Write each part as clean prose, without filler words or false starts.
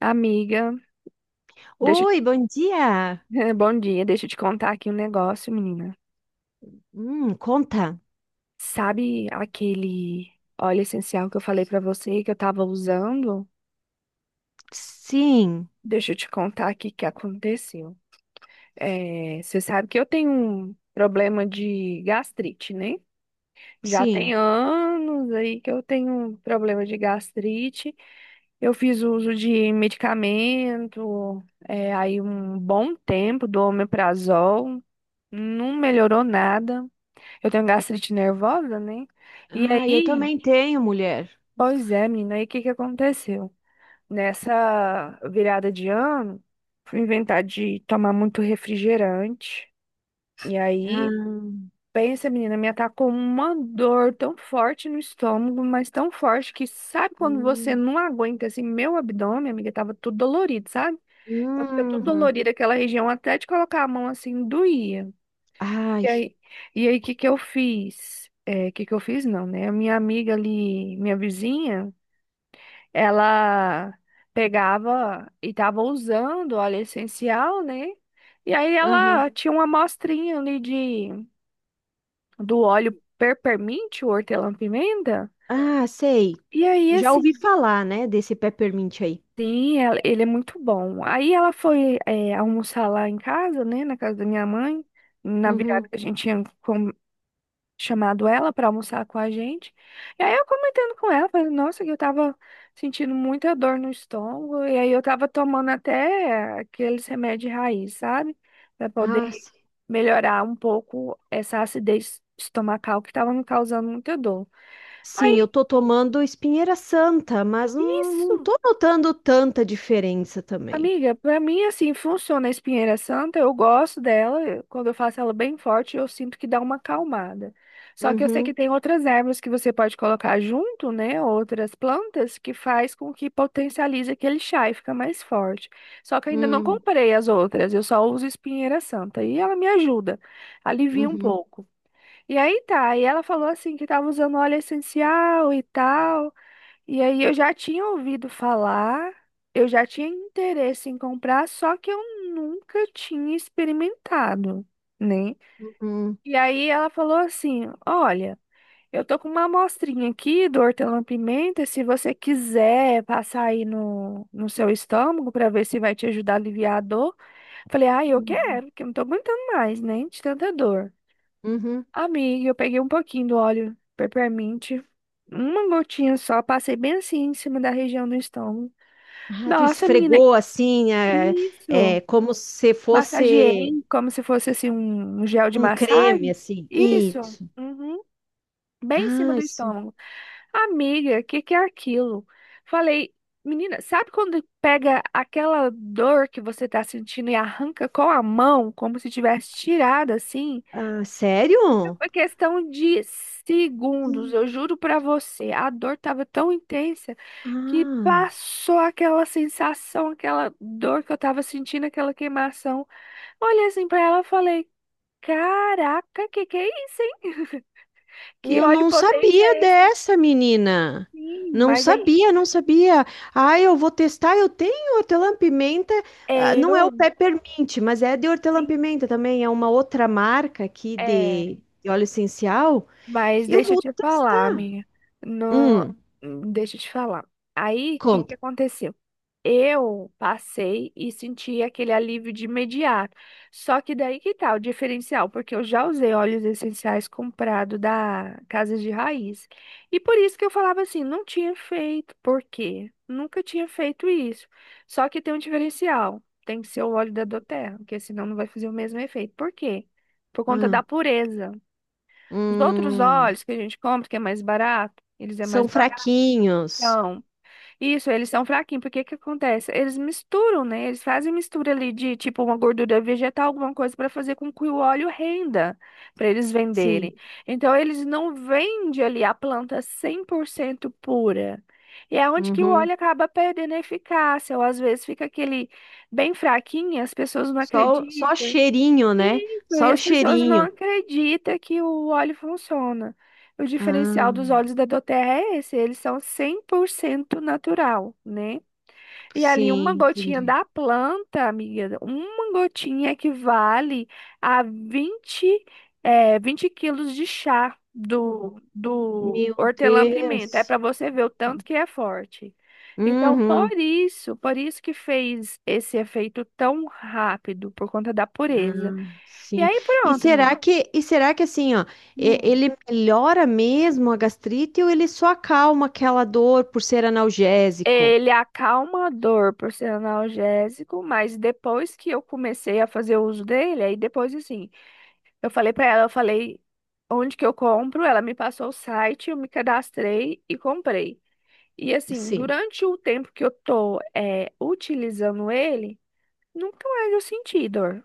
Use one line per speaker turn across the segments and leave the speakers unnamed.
Amiga, deixa,
Oi, bom dia.
bom dia, deixa eu te contar aqui um negócio, menina.
Conta.
Sabe aquele óleo essencial que eu falei pra você que eu tava usando?
Sim,
Deixa eu te contar aqui o que aconteceu. Você sabe que eu tenho um problema de gastrite, né? Já tem
sim.
anos aí que eu tenho um problema de gastrite. Eu fiz uso de medicamento, aí um bom tempo do omeprazol, não melhorou nada. Eu tenho gastrite nervosa, né? E
Ah, eu
aí,
também tenho, mulher.
pois é, menina, aí o que que aconteceu? Nessa virada de ano, fui inventar de tomar muito refrigerante. E aí,
Ah,
pensa, menina, me atacou uma dor tão forte no estômago, mas tão forte que sabe quando você
hum,
não aguenta, assim, meu abdômen, amiga, tava tudo dolorido, sabe? Então, fica tudo
uhum.
dolorido aquela região, até de colocar a mão assim, doía. E
Ai,
aí, e aí, que eu fiz? Que eu fiz? Não, né? A minha amiga ali, minha vizinha, ela pegava e tava usando óleo essencial, né? E aí
aham.
ela tinha uma amostrinha ali de, do óleo peppermint, o hortelã-pimenta.
Ah, sei.
E aí,
Já
esse
ouvi falar, né, desse peppermint aí.
sim, ele é muito bom. Aí ela foi, almoçar lá em casa, né? Na casa da minha mãe, na virada
Uhum.
que a gente tinha chamado ela para almoçar com a gente. E aí eu comentando com ela, falei, nossa, que eu tava sentindo muita dor no estômago, e aí eu tava tomando até aqueles remédios raiz, sabe? Para poder
Ah, sim.
melhorar um pouco essa acidez estomacal que tava me causando muita dor.
Sim,
Aí,
eu tô tomando espinheira santa, mas não, não
isso!
tô notando tanta diferença também.
Amiga, pra mim assim funciona a espinheira santa, eu gosto dela, quando eu faço ela bem forte, eu sinto que dá uma acalmada. Só que eu sei
Uhum,
que tem outras ervas que você pode colocar junto, né, outras plantas que faz com que potencialize aquele chá e fica mais forte. Só que eu ainda não
hum,
comprei as outras, eu só uso espinheira santa e ela me ajuda, alivia um
uhum,
pouco. E aí tá, e ela falou assim que tava usando óleo essencial e tal. E aí eu já tinha ouvido falar, eu já tinha interesse em comprar, só que eu nunca tinha experimentado, né?
uhum,
E aí ela falou assim: "Olha, eu tô com uma amostrinha aqui do hortelã-pimenta, se você quiser passar aí no seu estômago para ver se vai te ajudar a aliviar a dor". Falei: "Ah, eu
uhum,
quero, porque eu não tô aguentando mais, né, de tanta dor".
uhum.
Amiga, eu peguei um pouquinho do óleo peppermint, uma gotinha só, passei bem assim em cima da região do estômago.
Ah, tu
Nossa, menina,
esfregou assim, é,
isso.
como se
Massageei
fosse
como se fosse assim um gel de
um creme,
massagem.
assim.
Isso.
Isso.
Uhum. Bem em cima
Ah,
do
isso.
estômago. Amiga, o que que é aquilo? Falei, menina, sabe quando pega aquela dor que você tá sentindo e arranca com a mão, como se tivesse tirado assim?
Ah, sério?
Foi questão de segundos,
Sim.
eu juro pra você. A dor tava tão intensa que
Ah,
passou aquela sensação, aquela dor que eu tava sentindo, aquela queimação. Olhei assim pra ela e falei: caraca, que é isso, hein? Que
eu
óleo
não
potente
sabia
é esse?
dessa, menina.
Sim,
Não
mas aí
sabia, não sabia. Ah, eu vou testar. Eu tenho hortelã-pimenta. Ah, não é o
eu,
peppermint, mas é de
sim,
hortelã-pimenta também. É uma outra marca aqui
é.
de óleo essencial.
Mas
Eu
deixa eu
vou
te falar,
testar.
amiga. No...
Hum,
Deixa eu te falar. Aí, o que que
conta.
aconteceu? Eu passei e senti aquele alívio de imediato. Só que daí que tá o diferencial, porque eu já usei óleos essenciais comprado da casas de Raiz. E por isso que eu falava assim, não tinha feito. Por quê? Nunca tinha feito isso. Só que tem um diferencial. Tem que ser o óleo da Doterra, porque senão não vai fazer o mesmo efeito. Por quê? Por conta da
Ah,
pureza. Os outros
hum.
óleos que a gente compra, que é mais barato, eles é mais
São fraquinhos.
baratão. Isso, eles são fraquinhos, porque que acontece? Eles misturam, né? Eles fazem mistura ali de tipo uma gordura vegetal, alguma coisa para fazer com que o óleo renda, para eles
Sim.
venderem. Então, eles não vendem ali a planta 100% pura. E é onde que o
Uhum.
óleo acaba perdendo a eficácia, ou às vezes fica aquele bem fraquinho, as pessoas não
Só
acreditam,
cheirinho, né?
e
Só o
as pessoas não
cheirinho.
acreditam que o óleo funciona. O diferencial dos
Ah,
óleos da Doterra é esse, eles são 100% natural, né? E ali uma
sim,
gotinha
entendi.
da planta, amiga, uma gotinha equivale a vinte quilos de chá do
Meu
hortelã-pimenta. É
Deus.
para você ver o tanto que é forte. Então,
Uhum.
por isso que fez esse efeito tão rápido, por conta da pureza.
Ah,
E
sim.
aí
E
pronto,
será
menino.
que, e será que assim, ó,
Hum.
ele melhora mesmo a gastrite ou ele só acalma aquela dor por ser analgésico?
Ele acalma a dor por ser analgésico, mas depois que eu comecei a fazer uso dele, aí depois assim, eu falei pra ela, eu falei onde que eu compro, ela me passou o site, eu me cadastrei e comprei. E assim,
Sim.
durante o tempo que eu tô utilizando ele, nunca mais eu senti dor.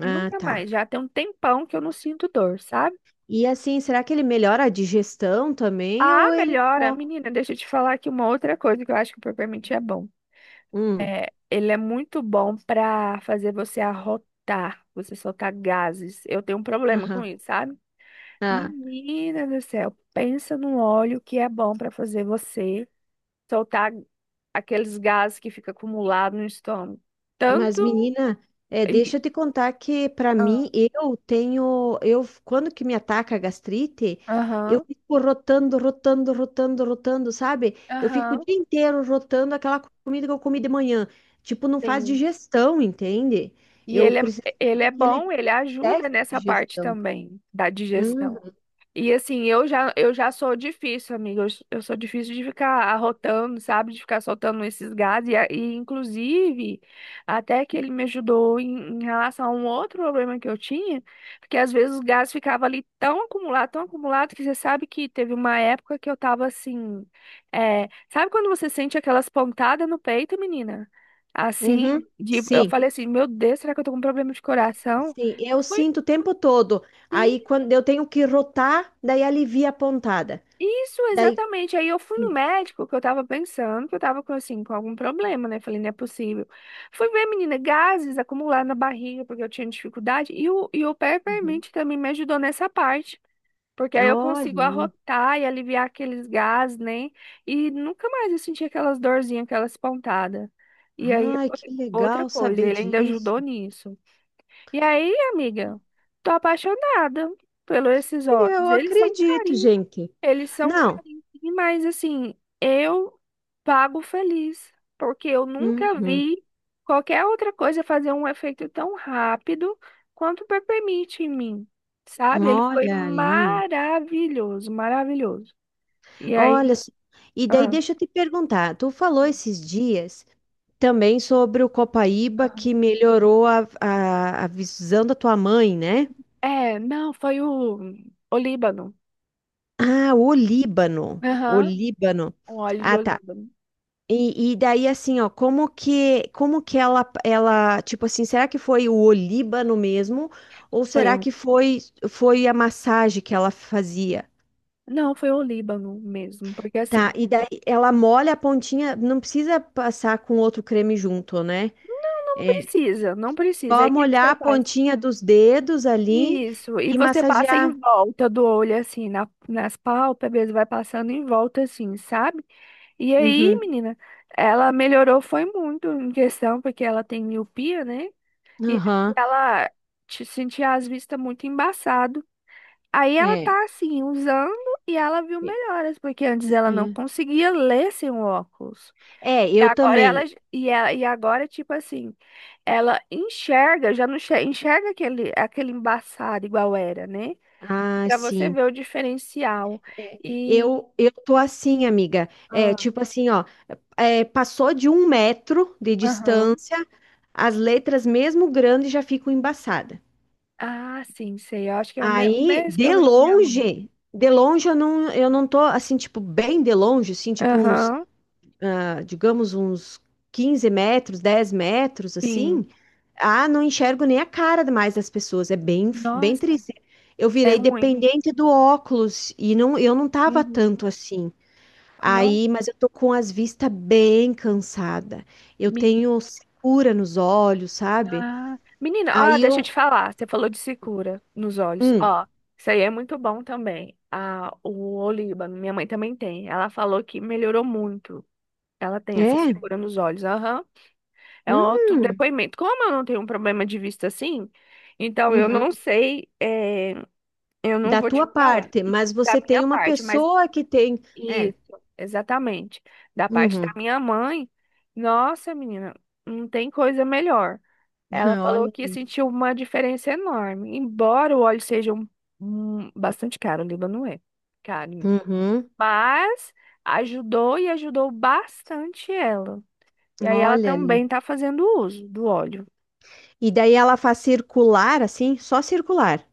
Ah,
Nunca
tá.
mais. Já tem um tempão que eu não sinto dor, sabe?
E assim, será que ele melhora a digestão também
A
ou ele
melhora,
só...
menina, deixa eu te falar aqui uma outra coisa que eu acho que o Peppermint é bom.
Hum.
É, ele é muito bom para fazer você arrotar, você soltar gases. Eu tenho um problema com
Aham.
isso, sabe?
Ah,
Menina do céu, pensa no óleo que é bom para fazer você soltar aqueles gases que fica acumulado no estômago.
mas,
Tanto
menina, é, deixa
e
eu te contar que, para
ah,
mim, eu tenho. Eu, quando que me ataca a gastrite, eu
aham,
fico rotando, rotando, rotando, rotando, sabe? Eu fico o
aham,
dia inteiro rotando aquela comida que eu comi de manhã. Tipo, não faz
sim.
digestão, entende?
E
Eu preciso
ele é
daquele
bom, ele ajuda
teste de
nessa parte
digestão.
também da
Uhum,
digestão. E assim, eu já sou difícil, amiga. Eu, eu sou difícil de ficar arrotando, sabe? De ficar soltando esses gases. E, e, inclusive, até que ele me ajudou em relação a um outro problema que eu tinha, porque às vezes os gases ficavam ali tão acumulado, que você sabe que teve uma época que eu tava assim. É, sabe quando você sente aquelas pontadas no peito, menina? Assim,
uhum.
de, eu
Sim,
falei assim, meu Deus, será que eu tô com um problema de coração?
sim, eu
Foi
sinto o tempo todo.
sim.
Aí, quando eu tenho que rotar, daí alivia a pontada.
Isso,
Daí.
exatamente. Aí eu fui no médico, que eu tava pensando que eu tava com, assim, com algum problema, né? Falei, não é possível. Fui ver, menina, gases acumulados na barriga, porque eu tinha dificuldade. E o
Uhum.
Peppermint também me ajudou nessa parte. Porque aí eu consigo
Olha.
arrotar e aliviar aqueles gases, né? E nunca mais eu senti aquelas dorzinhas, aquelas pontadas. E aí
Ai,
foi
que
outra
legal
coisa,
saber
ele ainda
disso.
ajudou nisso. E aí, amiga, tô apaixonada pelos esses olhos.
Eu
Eles são
acredito,
carinhos.
gente.
Eles são
Não.
carinhos, mas assim, eu pago feliz, porque eu nunca
Uhum.
vi qualquer outra coisa fazer um efeito tão rápido quanto o Peppermint em mim, sabe? Ele foi
Olha ali.
maravilhoso, maravilhoso. E
Olha.
aí,
Só. E daí
ah,
deixa eu te perguntar. Tu falou esses dias também sobre o copaíba, que
aham.
melhorou a visão da tua mãe, né?
É, não, foi o Olíbano.
Ah, o Líbano. O
Aham,
Líbano.
o óleo de
Ah, tá.
Olíbano.
E daí assim, ó, como que ela, tipo assim, será que foi o olíbano mesmo ou
Foi
será
o...
que foi a massagem que ela fazia?
Não, foi o líbano mesmo, porque
Tá,
assim,
e daí ela molha a pontinha, não precisa passar com outro creme junto, né?
não
É
precisa, não precisa.
só
Aí o que que
molhar
você
a
faz?
pontinha dos dedos ali
Isso, e
e
você passa em
massagear.
volta do olho, assim, nas pálpebras, vai passando em volta, assim, sabe? E aí,
Uhum.
menina, ela melhorou, foi muito em questão, porque ela tem miopia, né? E aí
Aham.
ela te sentia as vistas muito embaçado. Aí ela
É.
tá, assim, usando e ela viu melhoras, porque antes ela não
É,
conseguia ler sem o óculos.
É,
E
eu
agora ela,
também.
e agora, tipo assim, ela enxerga, já não enxerga aquele, aquele embaçado igual era, né?
Ah,
Para você
sim.
ver o diferencial.
É,
E.
eu tô assim, amiga. É,
Ah,
tipo assim, ó. É, passou de 1 metro de
aham.
distância, as letras, mesmo grandes, já ficam embaçadas.
Ah, sim, sei. Eu acho que é o, o
Aí,
mesmo
de
problema da minha mãe.
longe, de longe eu não tô assim, tipo, bem de longe, assim, tipo uns,
Aham.
ah, digamos, uns 15 metros, 10 metros,
Sim.
assim. Ah, não enxergo nem a cara mais das pessoas, é bem, bem
Nossa,
triste. Eu
é
virei
ruim.
dependente do óculos e não, eu não tava
Uhum.
tanto assim.
Não,
Aí, mas eu tô com as vistas bem cansada. Eu
menina.
tenho secura nos olhos, sabe?
Ah, menina, ó,
Aí
deixa eu
eu,
te falar. Você falou de secura nos olhos.
hum,
Ó, isso aí é muito bom também. Ah, o Olíbano, minha mãe também tem. Ela falou que melhorou muito. Ela tem essa
é,
secura nos olhos. Aham. É um outro
hum,
depoimento. Como eu não tenho um problema de vista assim, então eu não
uhum,
sei, eu não
da
vou
tua
te falar
parte,
E
mas
da
você
minha
tem uma
parte, mas
pessoa que tem, é,
isso, exatamente. Da parte da
uhum,
minha mãe, nossa, menina, não tem coisa melhor. Ela falou
olha
que
ali,
sentiu uma diferença enorme, embora o óleo seja um, bastante caro, o Líbano é caro,
uhum,
mas ajudou e ajudou bastante ela. E aí ela
olha
também
ali.
está fazendo uso do óleo.
E daí ela faz circular, assim, só circular,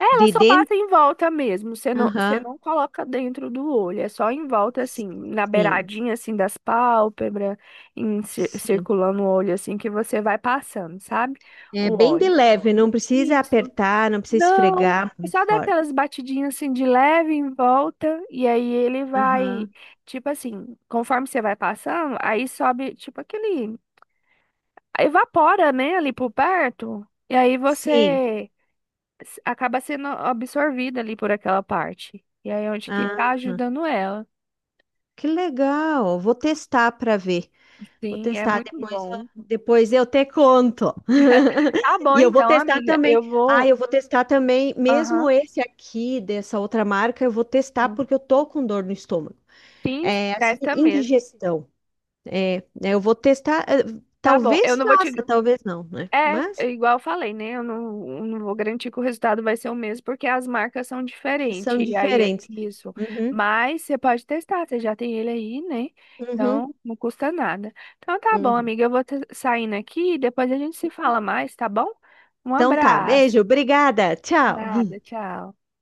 É, ela
de
só
dentro,
passa em volta mesmo, você
aham,
não coloca dentro do olho, é só em volta, assim, na
sim,
beiradinha, assim, das pálpebras, em,
sim.
circulando o olho, assim, que você vai passando, sabe?
É
O
bem de
óleo.
leve, não precisa
Isso.
apertar, não precisa
Não,
esfregar
é
muito
só dar
forte.
aquelas batidinhas, assim, de leve em volta, e aí ele vai,
Aham.
tipo assim, conforme você vai passando, aí sobe, tipo, aquele... Evapora, né, ali por perto, e aí
Sim.
você acaba sendo absorvida ali por aquela parte. E aí, é onde que
Ah,
tá ajudando ela.
que legal. Vou testar para ver. Vou
Sim, é
testar
muito
depois,
bom.
depois eu te conto.
Tá bom,
E eu vou
então,
testar
amiga.
também.
Eu
Ah,
vou.
eu vou testar também, mesmo
Aham.
esse aqui dessa outra marca, eu vou testar porque eu tô com dor no estômago.
Sim,
É assim,
testa mesmo.
indigestão. É, né, eu vou testar.
Tá bom. Eu
Talvez
não vou
faça,
te
talvez não, né?
É,
Mas
é igual eu falei, né? Eu não vou garantir que o resultado vai ser o mesmo, porque as marcas são
são
diferentes. E aí, é
diferentes.
isso.
Uhum,
Mas você pode testar, você já tem ele aí, né?
uhum,
Então, não custa nada. Então, tá bom,
uhum.
amiga. Eu vou saindo aqui e depois a gente se fala mais, tá bom? Um
Então tá, beijo,
abraço.
obrigada, tchau.
Nada, tchau.